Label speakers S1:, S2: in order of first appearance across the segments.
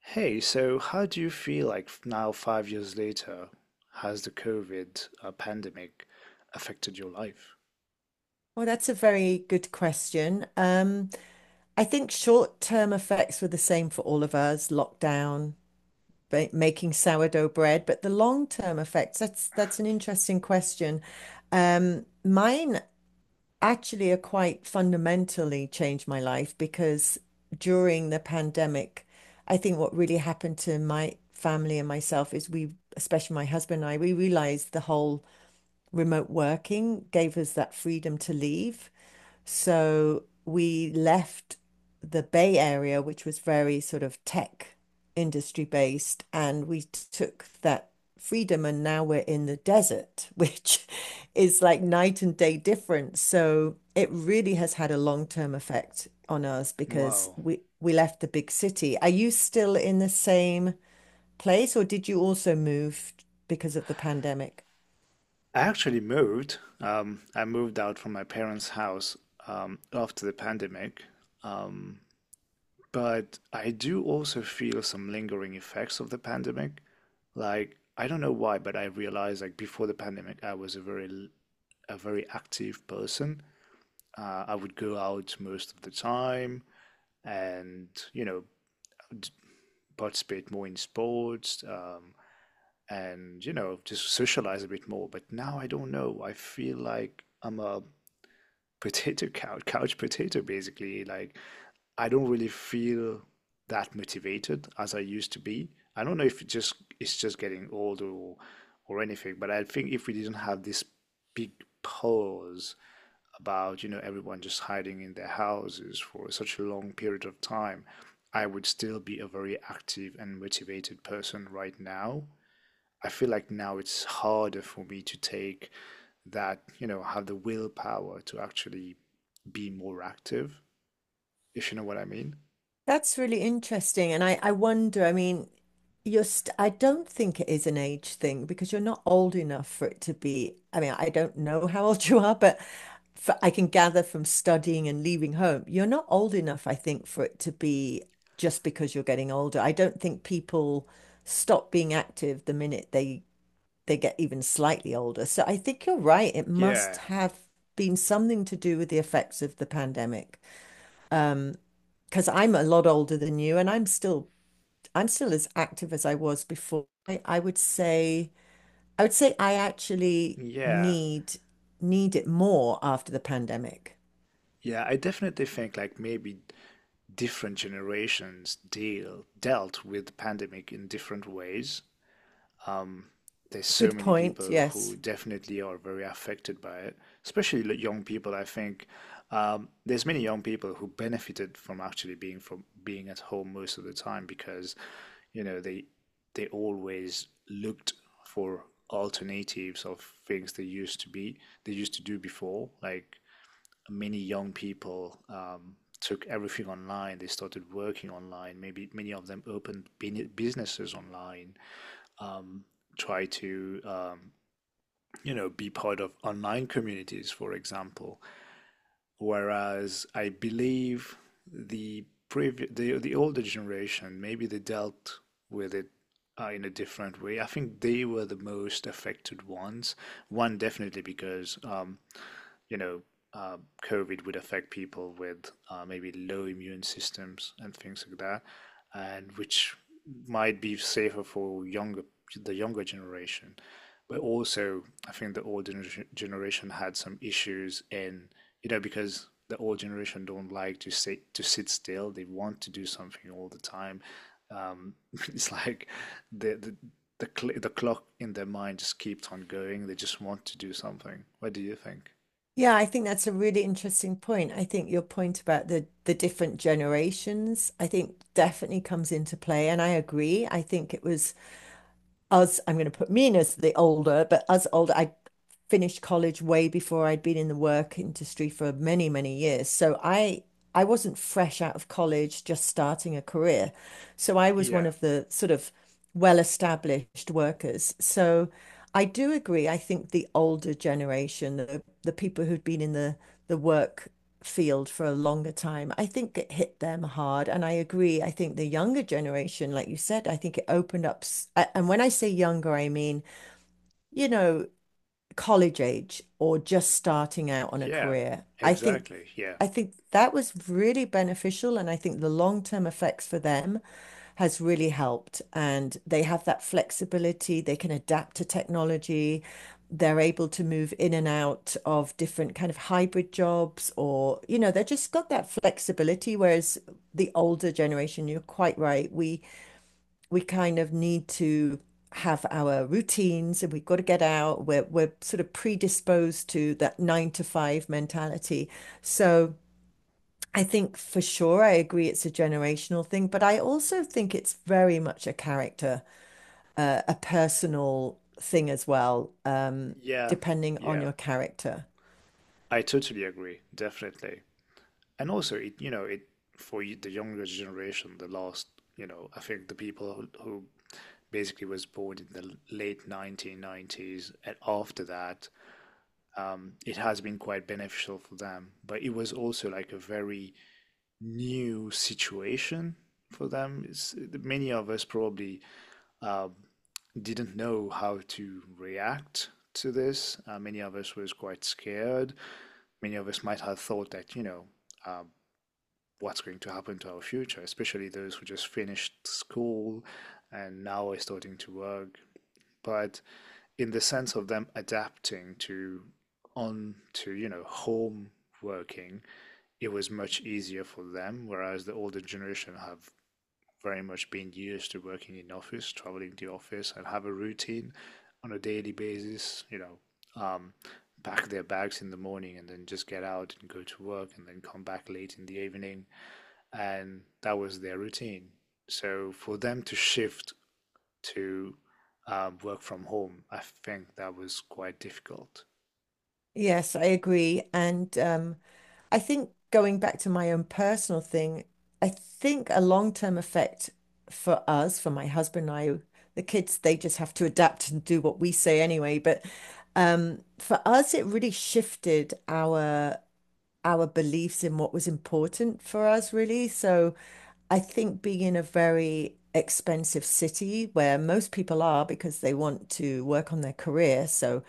S1: Hey, so how do you feel like now, 5 years later, has the COVID pandemic affected your life?
S2: Well, that's a very good question. I think short-term effects were the same for all of us, lockdown, making sourdough bread, but the long-term effects, that's an interesting question. Mine actually are quite fundamentally changed my life because during the pandemic, I think what really happened to my family and myself is we, especially my husband and I, we realized the whole remote working gave us that freedom to leave. So we left the Bay Area, which was very sort of tech industry based, and we took that freedom. And now we're in the desert, which is like night and day difference. So it really has had a long-term effect on us because
S1: Wow.
S2: we left the big city. Are you still in the same place, or did you also move because of the pandemic?
S1: I actually moved. I moved out from my parents' house after the pandemic. Um, but I do also feel some lingering effects of the pandemic. Like, I don't know why, but I realized like before the pandemic, I was a very active person. I would go out most of the time, and you know participate more in sports, and you know just socialize a bit more. But now I don't know. I feel like I'm a potato couch couch potato basically. Like I don't really feel that motivated as I used to be. I don't know if it's just getting older or anything, but I think if we didn't have this big pause about you know everyone just hiding in their houses for such a long period of time, I would still be a very active and motivated person right now. I feel like now it's harder for me to take that, you know, have the willpower to actually be more active, if you know what I mean.
S2: That's really interesting. And I wonder, I mean, you're st I don't think it is an age thing because you're not old enough for it to be. I mean, I don't know how old you are, but for, I can gather from studying and leaving home, you're not old enough, I think, for it to be just because you're getting older. I don't think people stop being active the minute they get even slightly older. So I think you're right. It must
S1: Yeah,
S2: have been something to do with the effects of the pandemic because I'm a lot older than you and I'm still as active as I was before. I would say I would say I actually
S1: yeah,
S2: need need it more after the pandemic.
S1: yeah. I definitely think like maybe different generations dealt with the pandemic in different ways. Um, there's so
S2: Good
S1: many
S2: point.
S1: people who
S2: Yes.
S1: definitely are very affected by it, especially young people. I think there's many young people who benefited from actually being from being at home most of the time because, you know, they always looked for alternatives of things they used to do before, like many young people took everything online. They started working online. Maybe many of them opened businesses online. Um, Try to you know be part of online communities, for example. Whereas I believe the older generation maybe they dealt with it in a different way. I think they were the most affected ones. One definitely because you know, uh, COVID would affect people with maybe low immune systems and things like that, and which might be safer for younger the younger generation. But also, I think the old generation had some issues in you know because the old generation don't like to sit still. They want to do something all the time. Um, it's like the, the the clock in their mind just keeps on going. They just want to do something. What do you think?
S2: Yeah, I think that's a really interesting point. I think your point about the different generations, I think definitely comes into play, and I agree. I think it was us, I'm going to put me in as the older, but us older, I finished college way before I'd been in the work industry for many, many years. So I wasn't fresh out of college, just starting a career. So I was one
S1: Yeah,
S2: of the sort of well-established workers. So I do agree. I think the older generation, the people who'd been in the work field for a longer time, I think it hit them hard. And I agree. I think the younger generation, like you said, I think it opened up. And when I say younger, I mean, you know, college age or just starting out on a
S1: yeah,
S2: career.
S1: exactly. Yeah,
S2: I think that was really beneficial, and I think the long-term effects for them has really helped. And they have that flexibility, they can adapt to technology, they're able to move in and out of different kind of hybrid jobs, or you know, they just got that flexibility. Whereas the older generation, you're quite right, we kind of need to have our routines and we've got to get out. We're sort of predisposed to that nine to five mentality. So I think for sure I agree it's a generational thing, but I also think it's very much a character, a personal thing as well,
S1: yeah,
S2: depending on
S1: yeah.
S2: your character.
S1: I totally agree, definitely. And also, it you know, it for y- the younger generation, the last, you know, I think the people who basically was born in the l- late 1990s and after that, it has been quite beneficial for them. But it was also like a very new situation for them. It's, many of us probably um, didn't know how to react to this. Many of us was quite scared. Many of us might have thought that, you know, what's going to happen to our future, especially those who just finished school and now are starting to work. But in the sense of them adapting to on to, you know, home working, it was much easier for them, whereas the older generation have very much been used to working in office, traveling to office, and have a routine on a daily basis. You know, pack their bags in the morning and then just get out and go to work and then come back late in the evening, and that was their routine. So for them to shift to work from home, I think that was quite difficult.
S2: Yes, I agree. And I think going back to my own personal thing, I think a long-term effect for us, for my husband and I, the kids, they just have to adapt and do what we say anyway. But for us, it really shifted our beliefs in what was important for us, really. So I think being in a very expensive city where most people are because they want to work on their career, so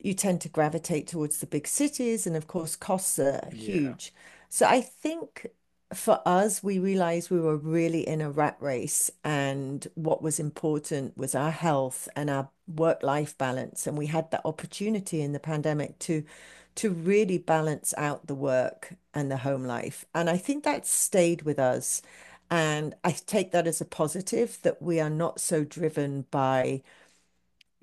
S2: you tend to gravitate towards the big cities, and of course, costs are
S1: Yeah,
S2: huge. So I think for us, we realized we were really in a rat race, and what was important was our health and our work-life balance. And we had that opportunity in the pandemic to really balance out the work and the home life. And I think that stayed with us. And I take that as a positive that we are not so driven by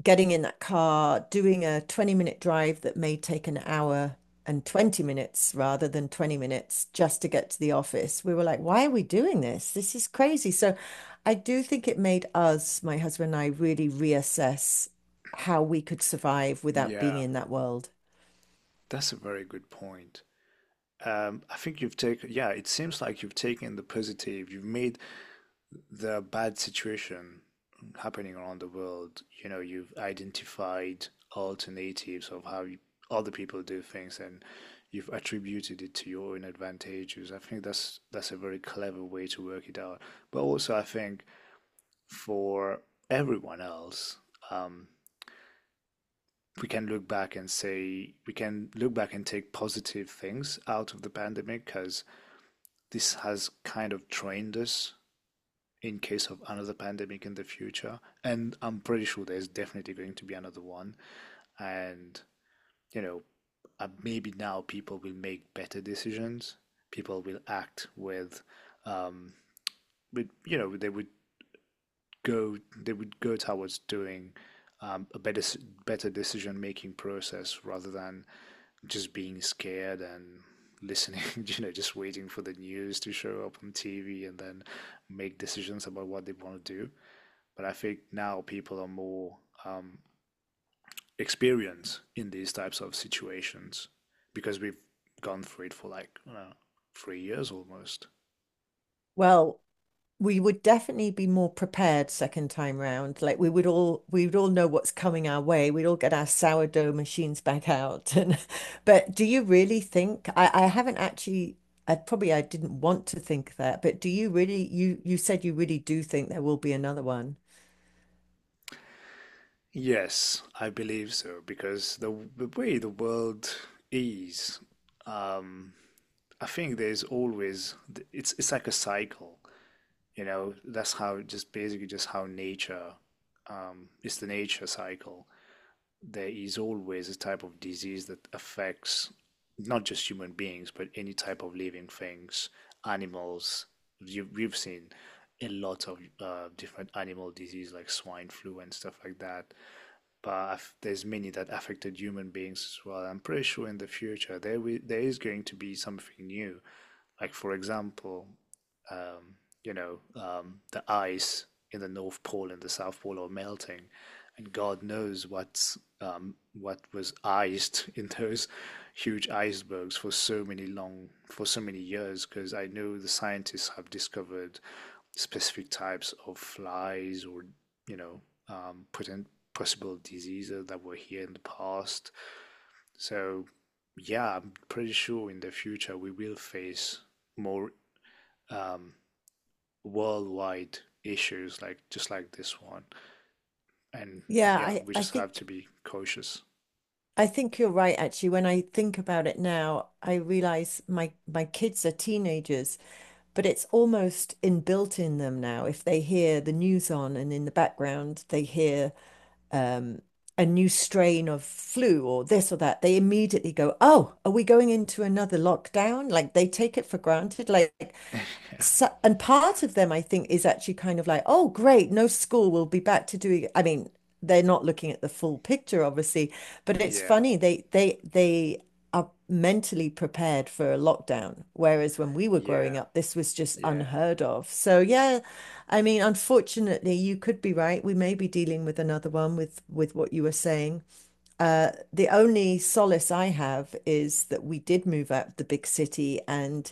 S2: getting in that car, doing a 20-minute drive that may take an hour and 20 minutes rather than 20 minutes just to get to the office. We were like, why are we doing this? This is crazy. So I do think it made us, my husband and I, really reassess how we could survive without being
S1: yeah,
S2: in that world.
S1: that's a very good point. I think you've taken, yeah, it seems like you've taken the positive, you've made the bad situation happening around the world, you know, you've identified alternatives of how you, other people do things, and you've attributed it to your own advantages. I think that's a very clever way to work it out. But also I think for everyone else, um, we can look back and take positive things out of the pandemic because this has kind of trained us in case of another pandemic in the future, and I'm pretty sure there's definitely going to be another one. And, you know, maybe now people will make better decisions. People will act um, with you know, go they would go towards doing a better decision making process rather than just being scared and listening, you know, just waiting for the news to show up on TV and then make decisions about what they want to do. But I think now people are more um, experienced in these types of situations because we've gone through it for like I don't know, 3 years almost.
S2: Well, we would definitely be more prepared second time round. Like we would all know what's coming our way. We'd all get our sourdough machines back out. And but do you really think I haven't actually I probably I didn't want to think that, but do you really you said you really do think there will be another one?
S1: Yes, I believe so because the way the world is, um, I think there's always it's like a cycle. You know, that's how just basically just how nature is the nature cycle. There is always a type of disease that affects not just human beings, but any type of living things, animals. You, we've seen a lot of different animal disease like swine flu and stuff like that. But there's many that affected human beings as well. I'm pretty sure in the future there is going to be something new. Like for example, um, you know, the ice in the North Pole and the South Pole are melting, and God knows what's what was iced in those huge icebergs for so many long for so many years. Because I know the scientists have discovered specific types of flies or you know potent possible diseases that were here in the past. So yeah, I'm pretty sure in the future we will face more um, worldwide issues like just like this one, and
S2: Yeah,
S1: yeah,
S2: I
S1: we
S2: I
S1: just have to
S2: think
S1: be cautious.
S2: I think you're right actually. When I think about it now, I realize my kids are teenagers but it's almost inbuilt in them now. If they hear the news on and in the background they hear um, a new strain of flu or this or that, they immediately go, "Oh, are we going into another lockdown?" Like they take it for granted. Like so, and part of them, I think, is actually kind of like, oh, great, no school, we'll be back to doing. I mean, they're not looking at the full picture, obviously, but it's
S1: Yeah,
S2: funny they are mentally prepared for a lockdown, whereas when we were growing
S1: yeah,
S2: up, this was just
S1: yeah.
S2: unheard of. So yeah, I mean, unfortunately, you could be right. We may be dealing with another one with what you were saying. The only solace I have is that we did move out of the big city and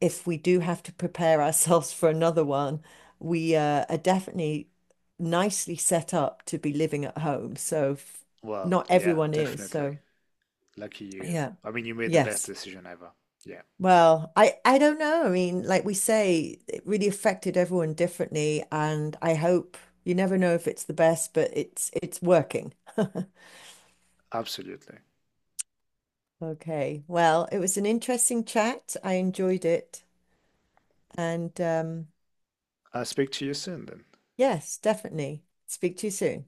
S2: if we do have to prepare ourselves for another one, we are definitely nicely set up to be living at home. So
S1: Well,
S2: not
S1: yeah,
S2: everyone is.
S1: definitely.
S2: So
S1: Lucky you.
S2: yeah,
S1: I mean, you made the best
S2: yes.
S1: decision ever. Yeah,
S2: Well, I don't know. I mean, like we say, it really affected everyone differently, and I hope you never know if it's the best, but it's working.
S1: absolutely.
S2: Okay. Well, it was an interesting chat. I enjoyed it, and
S1: I'll speak to you soon then.
S2: yes, definitely. Speak to you soon.